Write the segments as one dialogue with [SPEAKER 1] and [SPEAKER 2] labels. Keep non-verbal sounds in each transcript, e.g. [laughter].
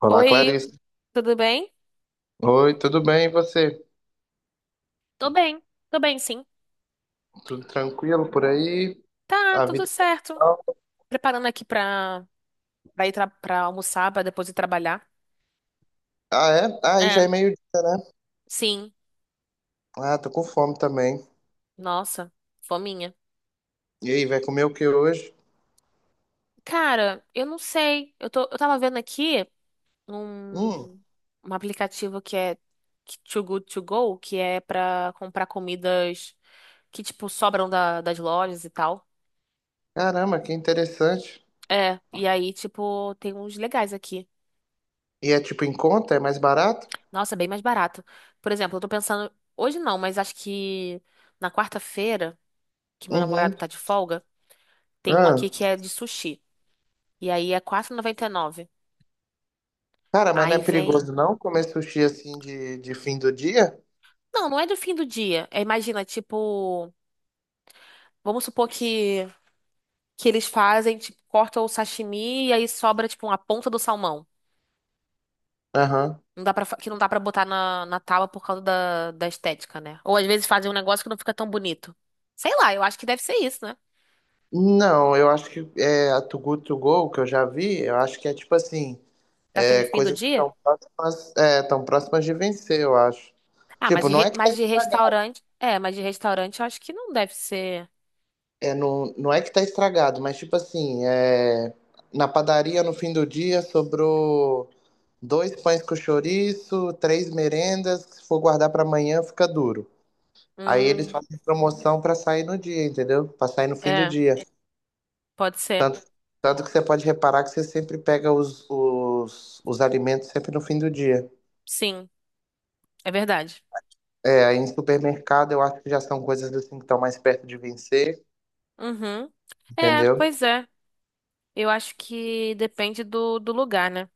[SPEAKER 1] Olá,
[SPEAKER 2] Oi,
[SPEAKER 1] Clarice.
[SPEAKER 2] tudo bem?
[SPEAKER 1] Oi, tudo bem? E você?
[SPEAKER 2] Tô bem, tô bem, sim.
[SPEAKER 1] Tudo tranquilo por aí?
[SPEAKER 2] Tá,
[SPEAKER 1] A
[SPEAKER 2] tudo
[SPEAKER 1] vida. É
[SPEAKER 2] certo.
[SPEAKER 1] tal?
[SPEAKER 2] Preparando aqui pra ir pra almoçar, pra depois ir trabalhar.
[SPEAKER 1] Ah, é? Ah, aí já
[SPEAKER 2] É.
[SPEAKER 1] é meio.
[SPEAKER 2] Sim.
[SPEAKER 1] Ah, tô com fome também.
[SPEAKER 2] Nossa, fominha.
[SPEAKER 1] E aí, vai comer o que hoje?
[SPEAKER 2] Cara, eu não sei. Eu tava vendo aqui
[SPEAKER 1] Hum,
[SPEAKER 2] um, um aplicativo Too Good To Go, que é pra comprar comidas que, tipo, sobram das lojas e tal.
[SPEAKER 1] caramba, que interessante.
[SPEAKER 2] É, e aí, tipo, tem uns legais aqui.
[SPEAKER 1] E é tipo em conta? É mais barato?
[SPEAKER 2] Nossa, é bem mais barato. Por exemplo, eu tô pensando. Hoje não, mas acho que na quarta-feira, que meu namorado
[SPEAKER 1] Uhum.
[SPEAKER 2] tá de folga, tem um
[SPEAKER 1] Ah,
[SPEAKER 2] aqui que é de sushi. E aí é 4,99.
[SPEAKER 1] cara, mas não é
[SPEAKER 2] Aí vem.
[SPEAKER 1] perigoso não comer sushi assim de fim do dia?
[SPEAKER 2] Não, não é do fim do dia. É, imagina, tipo. Vamos supor que eles fazem, tipo, cortam o sashimi e aí sobra, tipo, uma ponta do salmão.
[SPEAKER 1] Aham.
[SPEAKER 2] Não dá pra, fa- Que não dá pra botar na tábua por causa da estética, né? Ou às vezes fazem um negócio que não fica tão bonito. Sei lá, eu acho que deve ser isso, né?
[SPEAKER 1] Não, eu acho que é a Too Good To Go que eu já vi. Eu acho que é tipo assim.
[SPEAKER 2] Será que é
[SPEAKER 1] É,
[SPEAKER 2] de fim do
[SPEAKER 1] coisas que
[SPEAKER 2] dia?
[SPEAKER 1] estão próximas, é, tão próximas de vencer, eu acho.
[SPEAKER 2] Ah,
[SPEAKER 1] Tipo, não é que tá
[SPEAKER 2] mas de
[SPEAKER 1] estragado.
[SPEAKER 2] restaurante. É, mas de restaurante eu acho que não deve ser.
[SPEAKER 1] É, não, não é que tá estragado, mas tipo assim, é, na padaria no fim do dia sobrou dois pães com chouriço, três merendas, se for guardar pra amanhã fica duro. Aí eles
[SPEAKER 2] Hum.
[SPEAKER 1] fazem promoção pra sair no dia, entendeu? Pra sair no fim do
[SPEAKER 2] É,
[SPEAKER 1] dia.
[SPEAKER 2] pode ser.
[SPEAKER 1] Tanto, tanto que você pode reparar que você sempre pega os alimentos sempre no fim do dia.
[SPEAKER 2] Sim, é verdade.
[SPEAKER 1] É, aí em supermercado eu acho que já são coisas assim que estão mais perto de vencer,
[SPEAKER 2] Uhum. É,
[SPEAKER 1] entendeu?
[SPEAKER 2] pois é. Eu acho que depende do lugar, né?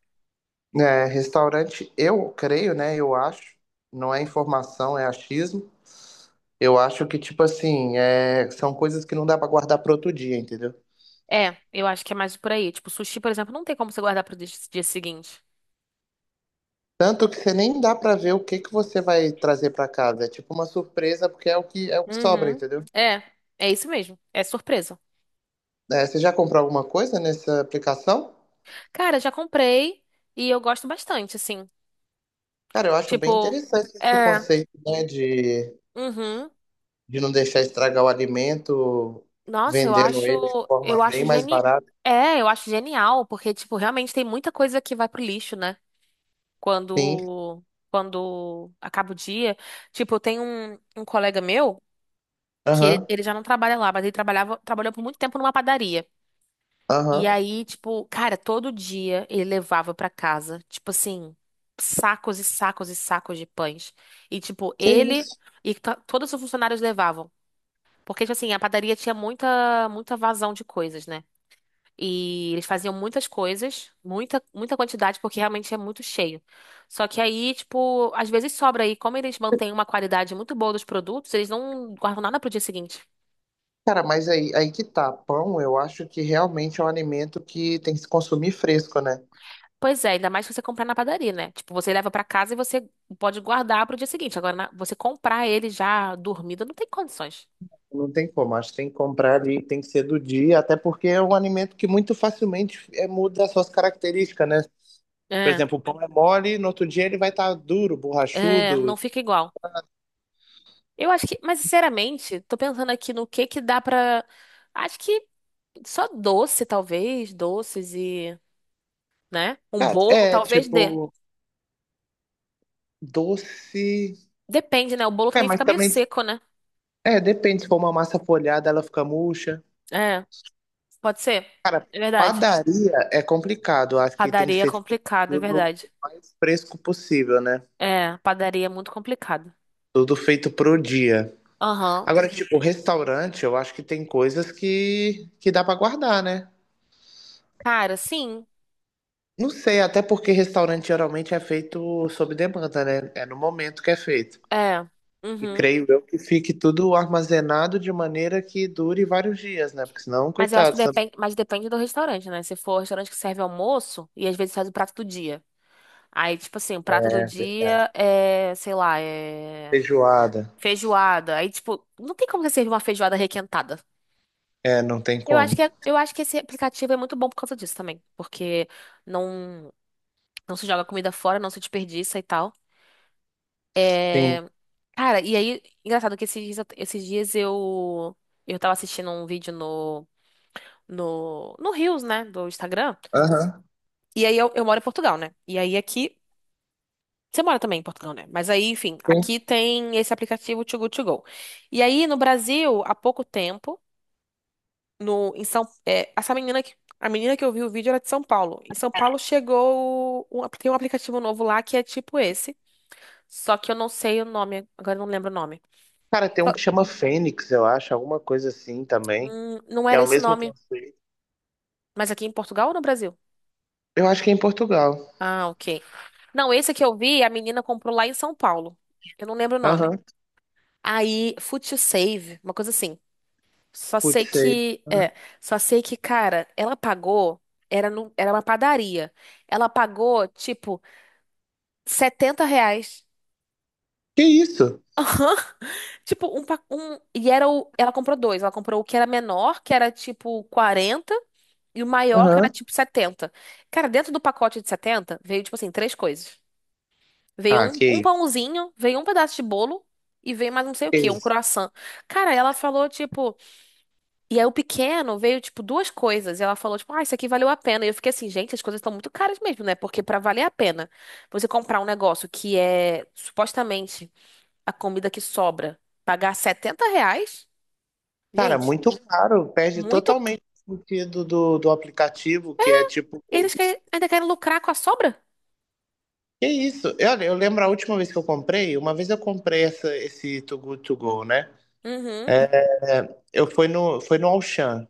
[SPEAKER 1] É, restaurante, eu creio, né? Eu acho, não é informação, é achismo. Eu acho que, tipo assim, é, são coisas que não dá pra guardar para outro dia, entendeu?
[SPEAKER 2] É, eu acho que é mais por aí. Tipo, sushi, por exemplo, não tem como você guardar pro dia seguinte.
[SPEAKER 1] Tanto que você nem dá pra ver o que que você vai trazer pra casa. É tipo uma surpresa, porque é o que sobra,
[SPEAKER 2] Uhum.
[SPEAKER 1] entendeu?
[SPEAKER 2] É, é isso mesmo. É surpresa.
[SPEAKER 1] É, você já comprou alguma coisa nessa aplicação?
[SPEAKER 2] Cara, já comprei e eu gosto bastante, assim.
[SPEAKER 1] Cara, eu acho bem
[SPEAKER 2] Tipo,
[SPEAKER 1] interessante esse
[SPEAKER 2] é.
[SPEAKER 1] conceito, né, de
[SPEAKER 2] Uhum.
[SPEAKER 1] de não deixar estragar o alimento,
[SPEAKER 2] Nossa,
[SPEAKER 1] vendendo ele de forma
[SPEAKER 2] eu
[SPEAKER 1] bem
[SPEAKER 2] acho
[SPEAKER 1] mais
[SPEAKER 2] geni...
[SPEAKER 1] barata.
[SPEAKER 2] É, eu acho genial, porque, tipo, realmente tem muita coisa que vai pro lixo, né?
[SPEAKER 1] Sim,
[SPEAKER 2] Quando, quando acaba o dia. Tipo, eu tenho um colega meu que ele,
[SPEAKER 1] aham,
[SPEAKER 2] ele já não trabalha lá, mas ele trabalhou por muito tempo numa padaria. E
[SPEAKER 1] aham.
[SPEAKER 2] aí, tipo, cara, todo dia ele levava pra casa, tipo assim, sacos e sacos e sacos de pães. E, tipo,
[SPEAKER 1] Que isso?
[SPEAKER 2] todos os funcionários levavam. Porque, tipo assim, a padaria tinha muita, muita vazão de coisas, né? E eles faziam muitas coisas, muita, muita quantidade, porque realmente é muito cheio. Só que aí, tipo, às vezes sobra aí, como eles mantêm uma qualidade muito boa dos produtos, eles não guardam nada pro dia seguinte.
[SPEAKER 1] Cara, mas aí, aí que tá. Pão, eu acho que realmente é um alimento que tem que se consumir fresco, né?
[SPEAKER 2] Pois é, ainda mais se você comprar na padaria, né? Tipo, você leva pra casa e você pode guardar pro dia seguinte. Agora, você comprar ele já dormido, não tem condições.
[SPEAKER 1] Não tem como, acho que tem que comprar ali, tem que ser do dia, até porque é um alimento que muito facilmente é, muda as suas características, né? Por
[SPEAKER 2] É,
[SPEAKER 1] exemplo, o pão é mole, no outro dia ele vai estar duro,
[SPEAKER 2] é, não
[SPEAKER 1] borrachudo.
[SPEAKER 2] fica igual. Eu acho que, mas sinceramente, tô pensando aqui no que dá pra. Acho que só doce, talvez, doces e, né? Um bolo
[SPEAKER 1] É,
[SPEAKER 2] talvez dê.
[SPEAKER 1] tipo, doce.
[SPEAKER 2] Depende, né? O bolo
[SPEAKER 1] É,
[SPEAKER 2] também
[SPEAKER 1] mas
[SPEAKER 2] fica meio
[SPEAKER 1] também
[SPEAKER 2] seco, né?
[SPEAKER 1] É, depende. Se for uma massa folhada, ela fica murcha.
[SPEAKER 2] É, pode ser.
[SPEAKER 1] Cara,
[SPEAKER 2] É verdade.
[SPEAKER 1] padaria é complicado. Acho que tem que
[SPEAKER 2] Padaria é
[SPEAKER 1] ser tipo,
[SPEAKER 2] complicado, é
[SPEAKER 1] tudo o
[SPEAKER 2] verdade.
[SPEAKER 1] mais fresco possível, né?
[SPEAKER 2] É, padaria é muito complicado.
[SPEAKER 1] Tudo feito pro dia.
[SPEAKER 2] Aham.
[SPEAKER 1] Agora, tipo, restaurante, eu acho que tem coisas que dá pra guardar, né?
[SPEAKER 2] Cara, sim.
[SPEAKER 1] Não sei, até porque restaurante geralmente é feito sob demanda, né? É no momento que é feito.
[SPEAKER 2] É.
[SPEAKER 1] E
[SPEAKER 2] Uhum.
[SPEAKER 1] creio eu que fique tudo armazenado de maneira que dure vários dias, né? Porque senão,
[SPEAKER 2] Mas eu acho que
[SPEAKER 1] coitado, também.
[SPEAKER 2] depende, mas depende do restaurante, né? Se for restaurante que serve almoço e às vezes faz o prato do dia. Aí, tipo assim, o prato do
[SPEAKER 1] É verdade.
[SPEAKER 2] dia é, sei lá, é
[SPEAKER 1] Feijoada.
[SPEAKER 2] feijoada. Aí, tipo, não tem como você servir uma feijoada requentada.
[SPEAKER 1] É, não tem como.
[SPEAKER 2] Eu acho que esse aplicativo é muito bom por causa disso também, porque não, não se joga comida fora, não se desperdiça e tal.
[SPEAKER 1] Sim.
[SPEAKER 2] Cara, e aí, engraçado que esses dias eu tava assistindo um vídeo no no Reels, né, do Instagram.
[SPEAKER 1] Aham.
[SPEAKER 2] E aí eu moro em Portugal, né? E aí aqui você mora também em Portugal, né? Mas aí, enfim,
[SPEAKER 1] Sim.
[SPEAKER 2] aqui tem esse aplicativo Too Good To Go. E aí no Brasil, há pouco tempo no em São é, essa menina que a menina que eu vi o vídeo era de São Paulo. Em São Paulo tem um aplicativo novo lá que é tipo esse, só que eu não sei o nome, agora eu não lembro o nome.
[SPEAKER 1] Cara, tem um
[SPEAKER 2] Só-
[SPEAKER 1] que chama Fênix, eu acho, alguma coisa assim também.
[SPEAKER 2] não
[SPEAKER 1] Que é
[SPEAKER 2] era
[SPEAKER 1] o
[SPEAKER 2] esse
[SPEAKER 1] mesmo
[SPEAKER 2] nome,
[SPEAKER 1] conceito.
[SPEAKER 2] mas aqui em Portugal ou no Brasil?
[SPEAKER 1] Eu acho que é em Portugal.
[SPEAKER 2] Ah, ok. Não, esse que eu vi, a menina comprou lá em São Paulo. Eu não lembro o nome.
[SPEAKER 1] Aham.
[SPEAKER 2] Aí, Fut You Save, uma coisa assim. Só sei
[SPEAKER 1] Putz, sei.
[SPEAKER 2] que, é, só sei que, cara, ela pagou, era, no, era uma padaria. Ela pagou, tipo, R$ 70.
[SPEAKER 1] Que isso?
[SPEAKER 2] Aham. Tipo, um. E era o. Ela comprou dois. Ela comprou o que era menor, que era tipo 40, e o maior, que era
[SPEAKER 1] Aham.
[SPEAKER 2] tipo 70. Cara, dentro do pacote de 70 veio, tipo assim, três coisas. Veio
[SPEAKER 1] Ah,
[SPEAKER 2] um,
[SPEAKER 1] que
[SPEAKER 2] um
[SPEAKER 1] isso.
[SPEAKER 2] pãozinho, veio um pedaço de bolo e veio mais não sei o
[SPEAKER 1] Que
[SPEAKER 2] quê, um
[SPEAKER 1] isso.
[SPEAKER 2] croissant. Cara, ela falou, tipo. E aí o pequeno veio, tipo, duas coisas. E ela falou, tipo, ah, isso aqui valeu a pena. E eu fiquei assim, gente, as coisas estão muito caras mesmo, né? Porque pra valer a pena, você comprar um negócio que é supostamente a comida que sobra, pagar R$ 70?
[SPEAKER 1] Cara,
[SPEAKER 2] Gente,
[SPEAKER 1] muito caro. Perde
[SPEAKER 2] muito.
[SPEAKER 1] totalmente o sentido do aplicativo, que é tipo.
[SPEAKER 2] Ainda querem lucrar com a sobra?
[SPEAKER 1] Que isso? Eu lembro a última vez que eu comprei, uma vez eu comprei essa, esse Too Good To Go, né?
[SPEAKER 2] Uhum.
[SPEAKER 1] É, eu fui no, foi no Auchan.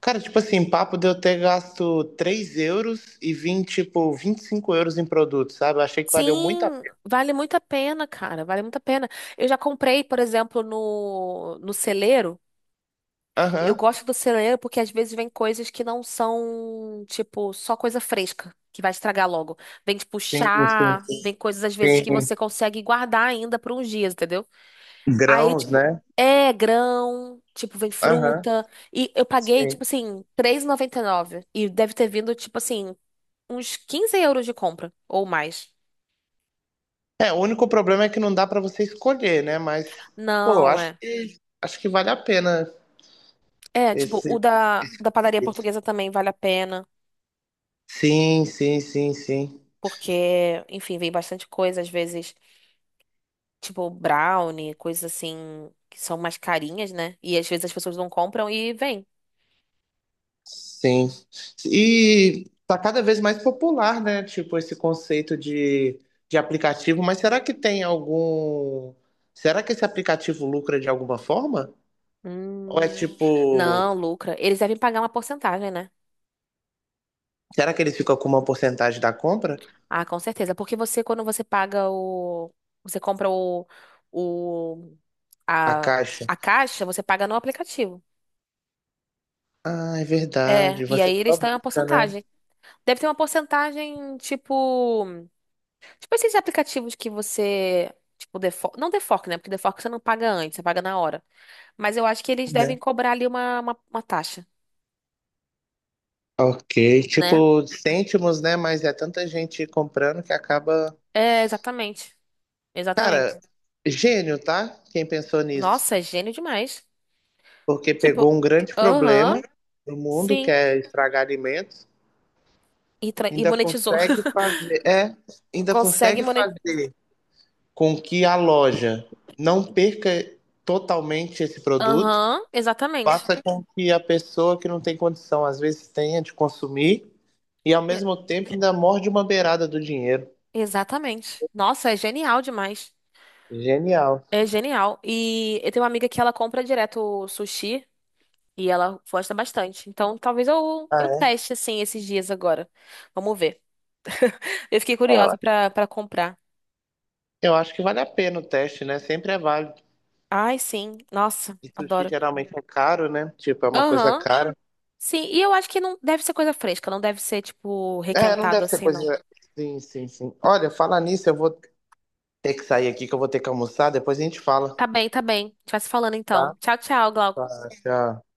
[SPEAKER 1] Cara, tipo assim, papo de eu ter gasto 3 euros e vim, tipo, 25 euros em produtos, sabe? Eu achei que valeu muito a
[SPEAKER 2] Sim,
[SPEAKER 1] pena.
[SPEAKER 2] vale muito a pena, cara. Vale muito a pena. Eu já comprei, por exemplo, no celeiro. Eu
[SPEAKER 1] Aham,
[SPEAKER 2] gosto do celeiro porque às vezes vem coisas que não são, tipo, só coisa fresca, que vai estragar logo. Vem, tipo,
[SPEAKER 1] sim, sim,
[SPEAKER 2] chá, vem coisas às vezes que
[SPEAKER 1] sim.
[SPEAKER 2] você consegue guardar ainda por uns dias, entendeu? Aí,
[SPEAKER 1] Grãos,
[SPEAKER 2] tipo,
[SPEAKER 1] né?
[SPEAKER 2] é grão, tipo, vem
[SPEAKER 1] Aham,
[SPEAKER 2] fruta. E eu paguei,
[SPEAKER 1] sim.
[SPEAKER 2] tipo assim, 3,99. E noventa e nove E deve ter vindo, tipo assim, uns € 15 de compra, ou mais.
[SPEAKER 1] É, o único problema é que não dá pra você escolher, né? Mas, pô,
[SPEAKER 2] Não, é.
[SPEAKER 1] acho que vale a pena
[SPEAKER 2] É, tipo, o
[SPEAKER 1] esse.
[SPEAKER 2] da padaria portuguesa também vale a pena.
[SPEAKER 1] Sim, sim, sim, sim.
[SPEAKER 2] Porque, enfim, vem bastante coisa, às vezes, tipo, brownie, coisas assim, que são mais carinhas, né? E às vezes as pessoas não compram e vem.
[SPEAKER 1] Sim. E tá cada vez mais popular, né? Tipo, esse conceito de aplicativo, mas será que tem algum. Será que esse aplicativo lucra de alguma forma? Ou é
[SPEAKER 2] Hum,
[SPEAKER 1] tipo.
[SPEAKER 2] não, lucra. Eles devem pagar uma porcentagem, né?
[SPEAKER 1] Será que ele fica com uma porcentagem da compra?
[SPEAKER 2] Ah, com certeza. Porque você, quando você paga o. Você compra o,
[SPEAKER 1] A
[SPEAKER 2] a,
[SPEAKER 1] caixa?
[SPEAKER 2] a caixa, você paga no aplicativo.
[SPEAKER 1] Ah, é
[SPEAKER 2] É,
[SPEAKER 1] verdade.
[SPEAKER 2] e
[SPEAKER 1] Você
[SPEAKER 2] aí
[SPEAKER 1] só
[SPEAKER 2] eles têm uma
[SPEAKER 1] busca, né?
[SPEAKER 2] porcentagem. Deve ter uma porcentagem, tipo. Tipo esses aplicativos que você. Tipo, não defork, né? Porque defork você não paga antes, você paga na hora. Mas eu acho que eles
[SPEAKER 1] É.
[SPEAKER 2] devem cobrar ali uma taxa,
[SPEAKER 1] Ok.
[SPEAKER 2] né?
[SPEAKER 1] Tipo, cêntimos, né? Mas é tanta gente comprando que acaba.
[SPEAKER 2] É, exatamente. Exatamente.
[SPEAKER 1] Cara, gênio, tá? Quem pensou nisso?
[SPEAKER 2] Nossa, é gênio demais.
[SPEAKER 1] Porque pegou
[SPEAKER 2] Tipo,
[SPEAKER 1] um grande
[SPEAKER 2] aham,
[SPEAKER 1] problema do mundo, que
[SPEAKER 2] sim.
[SPEAKER 1] é estragar alimentos,
[SPEAKER 2] E
[SPEAKER 1] ainda
[SPEAKER 2] monetizou.
[SPEAKER 1] consegue fazer, é,
[SPEAKER 2] [laughs]
[SPEAKER 1] ainda
[SPEAKER 2] Consegue.
[SPEAKER 1] consegue fazer com que a loja não perca totalmente esse produto,
[SPEAKER 2] Aham, exatamente.
[SPEAKER 1] faça com que a pessoa que não tem condição às vezes tenha de consumir e ao
[SPEAKER 2] E-
[SPEAKER 1] mesmo tempo ainda morde uma beirada do dinheiro.
[SPEAKER 2] Exatamente. Nossa, é genial demais.
[SPEAKER 1] Genial.
[SPEAKER 2] É genial. E eu tenho uma amiga que ela compra direto sushi e ela gosta bastante. Então, talvez eu,
[SPEAKER 1] Ah,
[SPEAKER 2] eu
[SPEAKER 1] é?
[SPEAKER 2] teste assim esses dias agora. Vamos ver. [laughs] Eu fiquei
[SPEAKER 1] É, eu
[SPEAKER 2] curiosa
[SPEAKER 1] acho-
[SPEAKER 2] pra comprar.
[SPEAKER 1] Eu acho que vale a pena o teste, né? Sempre é válido.
[SPEAKER 2] Ai, sim. Nossa,
[SPEAKER 1] E sushi
[SPEAKER 2] adoro.
[SPEAKER 1] geralmente é caro, né? Tipo, é uma coisa
[SPEAKER 2] Aham.
[SPEAKER 1] cara.
[SPEAKER 2] Sim, e eu acho que não deve ser coisa fresca, não deve ser, tipo,
[SPEAKER 1] É, não
[SPEAKER 2] requentado
[SPEAKER 1] deve ser
[SPEAKER 2] assim, não.
[SPEAKER 1] coisa. Sim, sim, sim. Olha, falar nisso, eu vou ter que sair aqui, que eu vou ter que almoçar, depois a gente fala,
[SPEAKER 2] Tá bem, tá bem. A gente vai se falando
[SPEAKER 1] tá?
[SPEAKER 2] então. Tchau, tchau,
[SPEAKER 1] Tá,
[SPEAKER 2] Glauco.
[SPEAKER 1] tchau.